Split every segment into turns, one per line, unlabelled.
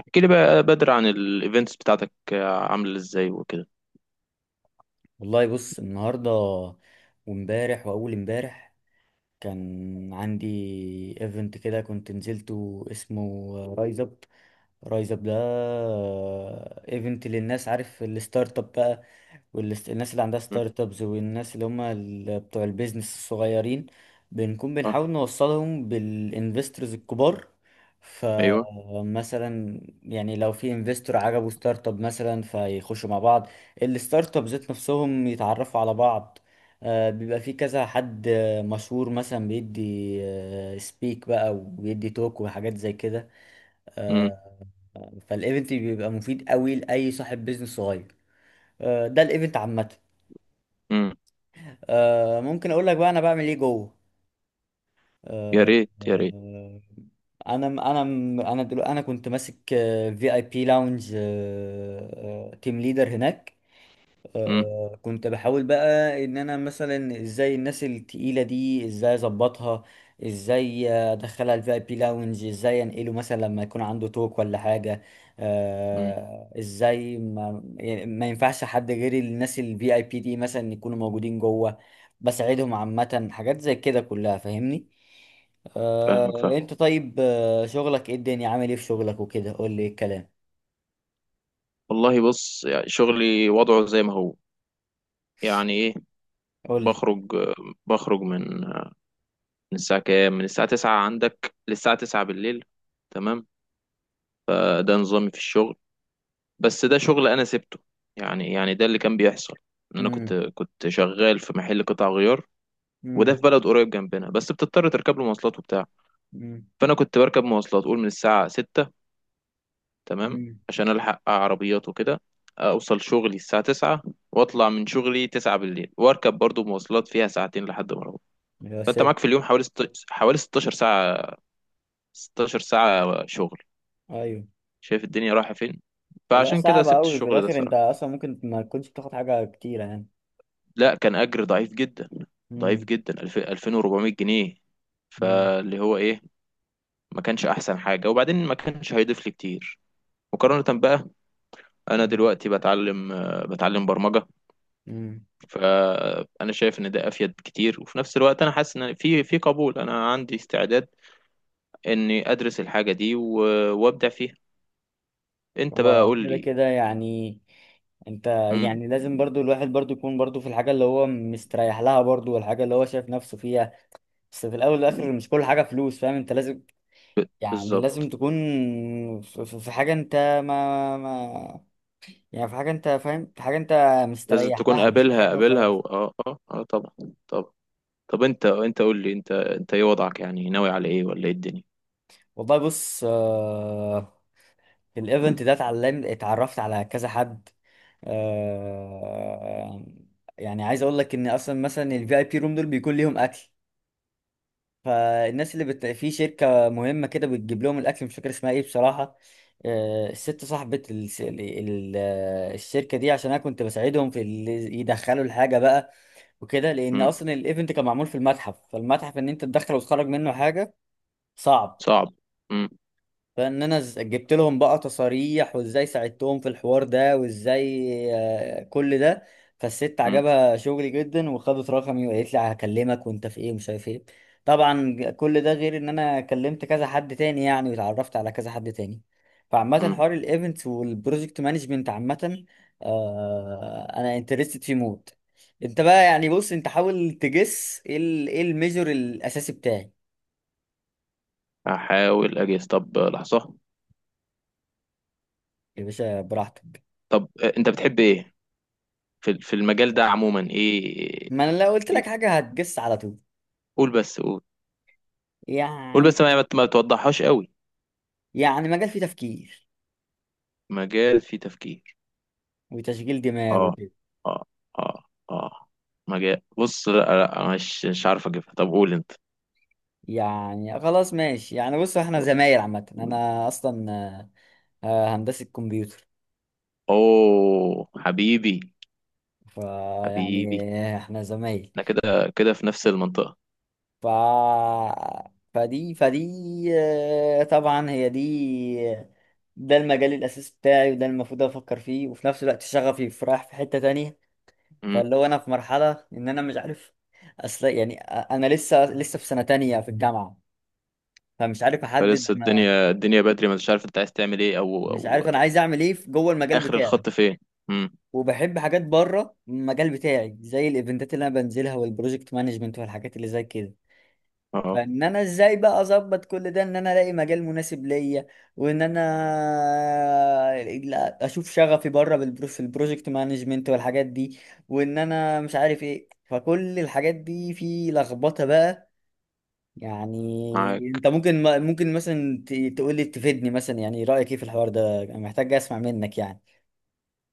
احكي لي بقى بدر عن الايفنتس بتاعتك، عامله ازاي وكده.
والله بص النهارده وامبارح واول امبارح كان عندي ايفنت كده كنت نزلته اسمه رايز اب. رايز اب ايفنت للناس، عارف الستارت اب بقى، والناس اللي عندها
مم.
ستارت ابز والناس اللي هم بتوع البيزنس الصغيرين. بنكون
اه.
بنحاول نوصلهم بالانفسترز الكبار.
ايوه.
فمثلا يعني لو في انفستور عجبه ستارت اب مثلا فيخشوا مع بعض، الستارت اب ذات نفسهم يتعرفوا على بعض. بيبقى في كذا حد مشهور مثلا بيدي سبيك بقى وبيدي توك وحاجات زي كده.
مم.
آه، فالايفنت بيبقى مفيد قوي لاي صاحب بيزنس صغير. ده الايفنت عامه.
مم.
ممكن اقول لك بقى انا بعمل ايه جوه.
يا
آه،
ريت يا ريت.
آه، انا انا دلوقتي انا كنت ماسك في اي بي لاونج، تيم ليدر هناك.
مم.
كنت بحاول بقى ان انا مثلا ازاي الناس التقيله دي ازاي اظبطها، ازاي ادخلها الفي اي بي لاونج، ازاي انقله مثلا لما يكون عنده توك ولا حاجه.
مم.
ازاي ما, يعني ما ينفعش حد غير الناس الفي اي بي دي مثلا يكونوا موجودين جوه. بساعدهم عامه، حاجات زي كده كلها، فاهمني.
فاهمك، فاهم.
انت طيب، شغلك ايه؟ الدنيا عامل ايه في شغلك وكده؟ قول لي ايه الكلام.
والله بص، يعني شغلي وضعه زي ما هو. يعني ايه؟
قول لي.
بخرج، بخرج من من الساعه كام، من الساعه 9 عندك للساعه 9 بالليل. تمام. ده نظامي في الشغل، بس ده شغل انا سبته. يعني ده اللي كان بيحصل، ان انا كنت
امم.
كنت شغال في محل قطع غيار، وده
امم.
في بلد قريب جنبنا، بس بتضطر تركب له مواصلات وبتاع. فانا كنت بركب مواصلات قول من الساعه 6، تمام،
امم.
عشان الحق عربيات وكده، اوصل شغلي الساعه 9، واطلع من شغلي 9 بالليل واركب برضو مواصلات فيها ساعتين لحد ما اروح. فانت معاك في اليوم حوالي حوالي 16 ساعه، 16 ساعه شغل.
ايوه.
شايف الدنيا رايحه فين؟
لا
فعشان كده
صعب
سبت
قوي في
الشغل ده
الاخر، انت
صراحه.
اصلا ممكن ما تكونش بتاخد حاجه كتيره يعني.
لا كان اجر ضعيف جدا، ضعيف
امم.
جدا. 2400 جنيه.
امم.
فاللي هو ايه، ما كانش احسن حاجه، وبعدين ما كانش هيضيف لي كتير مقارنه بقى. انا دلوقتي بتعلم، بتعلم برمجه.
امم.
فانا شايف ان ده افيد كتير، وفي نفس الوقت انا حاسس ان في قبول، انا عندي استعداد اني ادرس الحاجه دي وابدع فيها. انت بقى
هو
قول
كده
لي.
كده يعني. انت
مم.
يعني لازم برضو الواحد برضو يكون برضو في الحاجه اللي هو مستريح لها برضو والحاجه اللي هو شايف نفسه فيها. بس في الاول والاخر مش كل حاجه فلوس، فاهم؟ انت لازم،
ب-
يعني لازم
بالظبط،
تكون في في حاجه انت ما, ما يعني في حاجه انت فاهم، في حاجه انت
لازم
مستريح
تكون
لها، مش اي
قابلها،
حاجه
قابلها
وخلاص.
اه اه اه طبعا، طبعا. طب انت، قول لي، انت ايه وضعك؟ يعني ناوي على ايه، ولا ايه الدنيا؟
والله بص، الايفنت ده اتعلمت، اتعرفت على كذا حد. آه، يعني عايز اقول لك ان اصلا مثلا الفي اي بي روم دول بيكون ليهم اكل. فالناس اللي في شركه مهمه كده بتجيب لهم الاكل، مش فاكر اسمها ايه بصراحه. الست صاحبه الشركه دي، عشان انا كنت بساعدهم في اللي يدخلوا الحاجه بقى وكده، لان
مم.
اصلا الايفنت كان معمول في المتحف، فالمتحف ان انت تدخل وتخرج منه حاجه صعب.
صعب. مم.
فان انا جبت لهم بقى تصاريح، وازاي ساعدتهم في الحوار ده وازاي، كل ده. فالست
مم.
عجبها شغلي جدا وخدت رقمي وقالت لي هكلمك وانت في ايه ومش عارف ايه. طبعا كل ده غير ان انا كلمت كذا حد تاني يعني، واتعرفت على كذا حد تاني. فعامة
مم.
حوار الايفنتس والبروجكت مانجمنت عامة، انا انترستد فيه موت. انت بقى يعني بص، انت حاول تجس ايه ايه الميجور الاساسي بتاعي.
هحاول اجهز، طب لحظه.
يا باشا براحتك.
طب، انت بتحب ايه في المجال ده عموما، ايه؟
ما انا لو قلت لك
إيه؟
حاجه هتجس على طول.
قول بس قول. قول
يعني
بس ما توضحهاش قوي.
يعني مجال فيه تفكير
مجال فيه تفكير.
وتشغيل دماغ
اه
وكده.
اه اه اه. مجال، بص لا لا، مش عارف اجيبها، طب قول انت.
يعني خلاص ماشي، يعني بص احنا زمايل عامه. انا اصلا هندسه كمبيوتر.
اوه حبيبي.
فيعني
حبيبي.
احنا زمايل.
احنا كده كده في نفس المنطقة.
ف فدي فدي طبعا هي دي، ده المجال الاساسي بتاعي، وده المفروض افكر فيه. وفي نفس الوقت شغفي في رايح في حته تانية.
امم.
فاللي هو انا في مرحله ان انا مش عارف. اصل يعني انا لسه في سنه تانية في الجامعه، فمش عارف احدد
فلسه
ما.
الدنيا، الدنيا بدري، ما انتش عارف انت عايز تعمل ايه او
مش
او
عارف انا عايز اعمل ايه في جوه المجال
اخر
بتاعي،
الخط فين. امم.
وبحب حاجات بره المجال بتاعي زي الايفنتات اللي انا بنزلها والبروجكت مانجمنت والحاجات اللي زي كده.
اه.
فان انا ازاي بقى اظبط كل ده ان انا الاقي مجال مناسب ليا، وان انا اشوف شغفي بره في البروجكت مانجمنت والحاجات دي، وان انا مش عارف ايه. فكل الحاجات دي في لخبطه بقى. يعني
معاك.
انت ممكن مثلا تقول لي، تفيدني مثلا، يعني رأيك ايه في الحوار ده؟ انا محتاج اسمع منك يعني.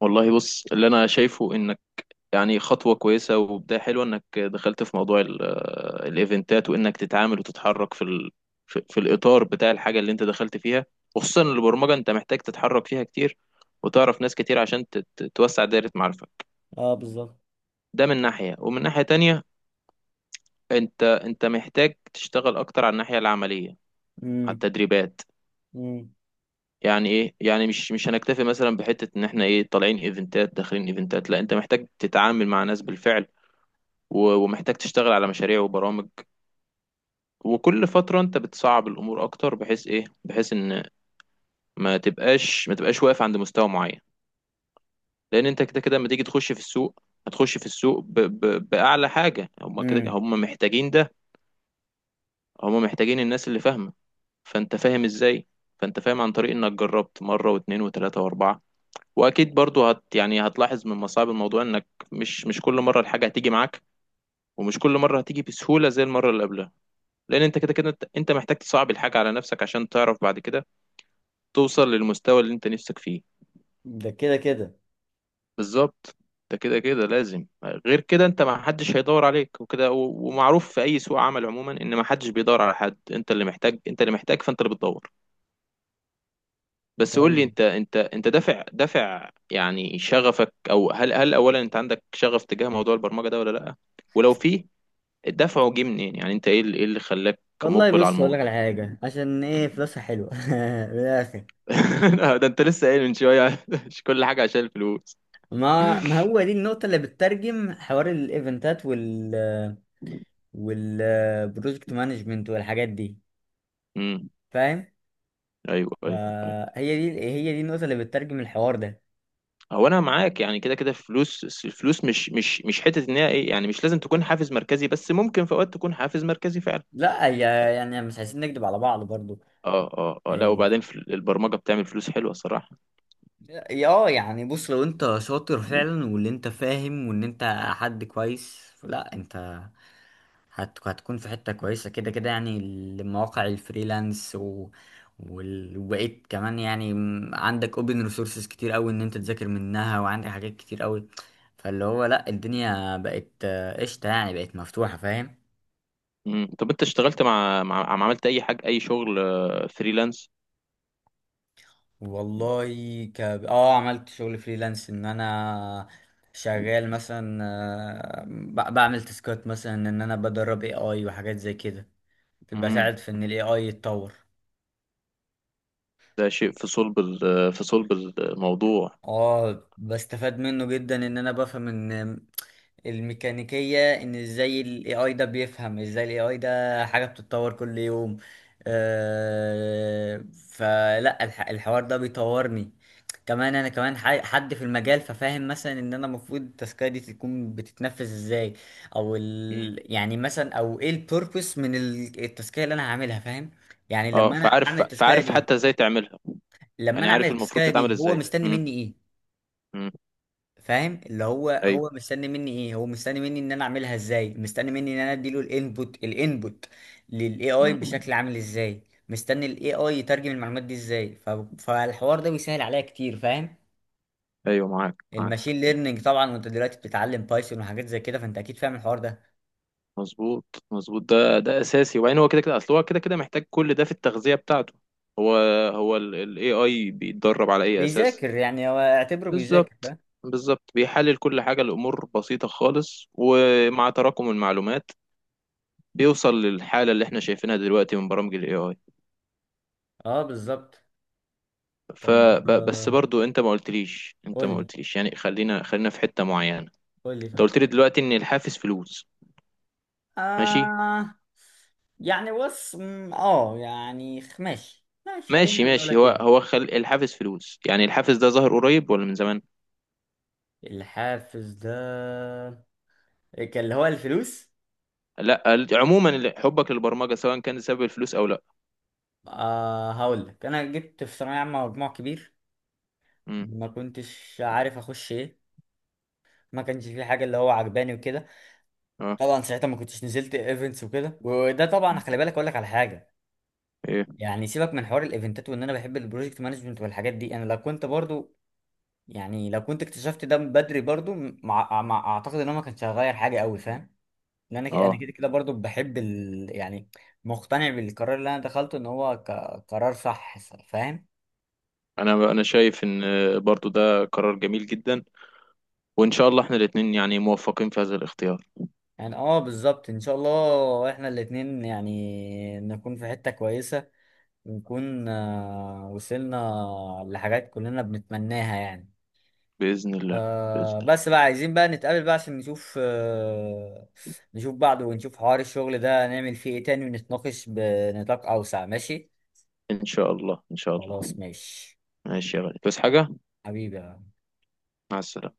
والله بص، اللي انا شايفه ان يعني خطوة كويسة وبداية حلوة، انك دخلت في موضوع الايفنتات، وانك تتعامل وتتحرك في في الاطار بتاع الحاجة اللي انت دخلت فيها. وخصوصا البرمجة، انت محتاج تتحرك فيها كتير وتعرف ناس كتير عشان توسع دائرة معارفك.
اه بالظبط.
ده من ناحية، ومن ناحية تانية، انت محتاج تشتغل اكتر على الناحية العملية، على
امم.
التدريبات.
امم.
يعني ايه؟ يعني مش هنكتفي مثلا بحتة ان احنا ايه، طالعين ايفنتات داخلين ايفنتات، لا انت محتاج تتعامل مع ناس بالفعل، ومحتاج تشتغل على مشاريع وبرامج. وكل فترة انت بتصعب الامور اكتر، بحيث ايه، بحيث ان ما تبقاش واقف عند مستوى معين. لان انت كده كده لما تيجي تخش في السوق، هتخش في السوق باعلى حاجة. هم كده
امم.
هم محتاجين ده، هم محتاجين الناس اللي فاهمة. فانت فاهم ازاي؟ فانت فاهم عن طريق انك جربت مرة واتنين وتلاتة واربعة. واكيد برضو يعني هتلاحظ من مصاعب الموضوع انك مش كل مرة الحاجة هتيجي معاك، ومش كل مرة هتيجي بسهولة زي المرة اللي قبلها. لان انت كده كده، أنت محتاج تصعب الحاجة على نفسك عشان تعرف بعد كده توصل للمستوى اللي انت نفسك فيه.
ده كده كده.
بالظبط. ده كده كده لازم. غير كده انت، ما حدش هيدور عليك وكده، ومعروف في اي سوق عمل عموما ان ما حدش بيدور على حد، انت اللي محتاج، انت اللي محتاج فانت اللي بتدور. بس قول لي،
طيب،
انت دافع، دافع يعني شغفك، او هل اولا انت عندك شغف تجاه موضوع البرمجة ده ولا لا؟ ولو في، دفعه جه منين؟ يعني انت ايه اللي، ايه اللي خلاك
والله
مقبل على
بص اقول لك
الموضوع.
على حاجه، عشان ايه؟ فلوسها حلوه من الاخر.
ده انت لسه قايل من شوية مش كل حاجة عشان الفلوس.
ما هو دي النقطه اللي بتترجم حوار الايفنتات والبروجكت مانجمنت والحاجات دي،
امم.
فاهم؟
ايوه أيوه.
فهي دي، هي دي النقطه اللي بتترجم الحوار ده.
هو انا معاك، يعني كده كده فلوس، الفلوس مش حته، ان هي ايه يعني مش لازم تكون حافز مركزي، بس ممكن في اوقات تكون حافز مركزي فعلا.
لا هي، يعني مش عايزين نكذب على بعض.
اه اه اه، لا
برضو
وبعدين في البرمجه بتعمل فلوس حلوه صراحه.
اه، يعني بص لو انت شاطر فعلا، واللي انت فاهم، وان انت حد كويس، لا انت هتكون في حتة كويسة كده كده يعني. المواقع الفريلانس وبقيت كمان، يعني عندك اوبن ريسورسز كتير قوي ان انت تذاكر منها، وعندك حاجات كتير قوي. فاللي هو لا، الدنيا بقت قشطة يعني، بقت مفتوحة، فاهم؟
مم. طب انت اشتغلت مع، عملت اي حاجه، اي شغل فريلانس؟
والله، اه عملت شغل فريلانس، ان انا شغال مثلا بعمل تاسكات مثلا، ان انا بدرب اي اي وحاجات زي كده،
امم.
بساعد في ان الاي اي يتطور.
ده شيء في صلب في صلب الموضوع.
اه بستفاد منه جدا، ان انا بفهم ان الميكانيكية ان ازاي ال AI ده بيفهم، ازاي ال AI ده حاجة بتتطور كل يوم. آه، فلا الحوار ده بيطورني. كمان انا كمان حد في المجال، ففاهم مثلا ان انا المفروض التاسكية دي تكون بتتنفذ ازاي، او
مم.
ال يعني مثلا او ايه البيربس من التاسكية اللي انا هعملها، فاهم؟ يعني
اه،
لما انا اعمل
فعارف،
التاسكية
فعارف حتى
دي،
ازاي تعملها. يعني عارف المفروض تتعمل
هو
ازاي.
مستني
امم.
مني إيه؟
امم.
فاهم؟ اللي هو
ايوه.
هو مستني مني ايه، هو مستني مني ان انا اعملها ازاي، مستني مني ان انا اديله الانبوت للاي اي
امم.
بشكل عامل ازاي، مستني الاي اي يترجم المعلومات دي ازاي. فالحوار ده بيسهل عليا كتير، فاهم؟
ايوه، معاك معاك.
الماشين ليرنينج طبعا، وانت دلوقتي بتتعلم بايثون وحاجات زي كده، فانت اكيد فاهم الحوار ده.
مظبوط مظبوط. ده ده اساسي، وبعدين هو كده كده، اصل هو كده كده محتاج كل ده في التغذيه بتاعته. هو هو الاي اي بيتدرب على اي اساس.
بيذاكر يعني، هو اعتبره بيذاكر،
بالظبط،
فاهم؟
بالظبط. بيحلل كل حاجه، الامور بسيطه خالص، ومع تراكم المعلومات بيوصل للحاله اللي احنا شايفينها دلوقتي من برامج الاي اي.
اه بالظبط. طب
فبس برضو انت ما قلتليش،
قول لي،
يعني خلينا، في حته معينه.
قول لي
انت
طيب.
قلت لي دلوقتي ان الحافز فلوس، ماشي.
آه يعني بص، م، اه يعني ماشي ماشي، خلينا
ماشي
نقولها
ماشي. هو
كده.
هو الحافز فلوس، يعني الحافز ده ظهر قريب ولا من زمان؟
الحافز ده كان اللي هو الفلوس.
لا عموما، حبك للبرمجه سواء كان سبب الفلوس او لا.
آه هقول لك، انا جبت في ثانويه عامه مجموع كبير،
امم.
ما كنتش عارف اخش ايه، ما كانش في حاجه اللي هو عجباني وكده.
اه.
طبعا ساعتها ما كنتش نزلت ايفنتس وكده، وده طبعا خلي
مم.
بالك، اقول لك على حاجه.
ايه.
يعني سيبك من حوار الايفنتات وان انا بحب البروجكت مانجمنت والحاجات دي، انا لو كنت برضو يعني لو كنت اكتشفت ده بدري برضو، اعتقد ان انا ما كانش هغير حاجه قوي، فاهم؟ ان انا انا
اه،
كده كده برضو بحب يعني مقتنع بالقرار اللي انا دخلته ان هو قرار صح، فاهم؟
انا انا شايف ان برضو ده قرار جميل جدا، وان شاء الله احنا الاثنين يعني موفقين في هذا الاختيار.
يعني اه بالظبط، ان شاء الله احنا الاتنين يعني نكون في حتة كويسة، ونكون وصلنا لحاجات كلنا بنتمناها يعني.
باذن الله. باذن
آه،
الله.
بس بقى عايزين بقى نتقابل بقى عشان نشوف آه، نشوف بعض ونشوف حوار الشغل ده نعمل فيه ايه تاني، ونتناقش بنطاق اوسع، ماشي؟
ان شاء الله، ان شاء الله.
خلاص ماشي،
ماشي يا غالي، بس حاجه.
حبيبي.
مع السلامه.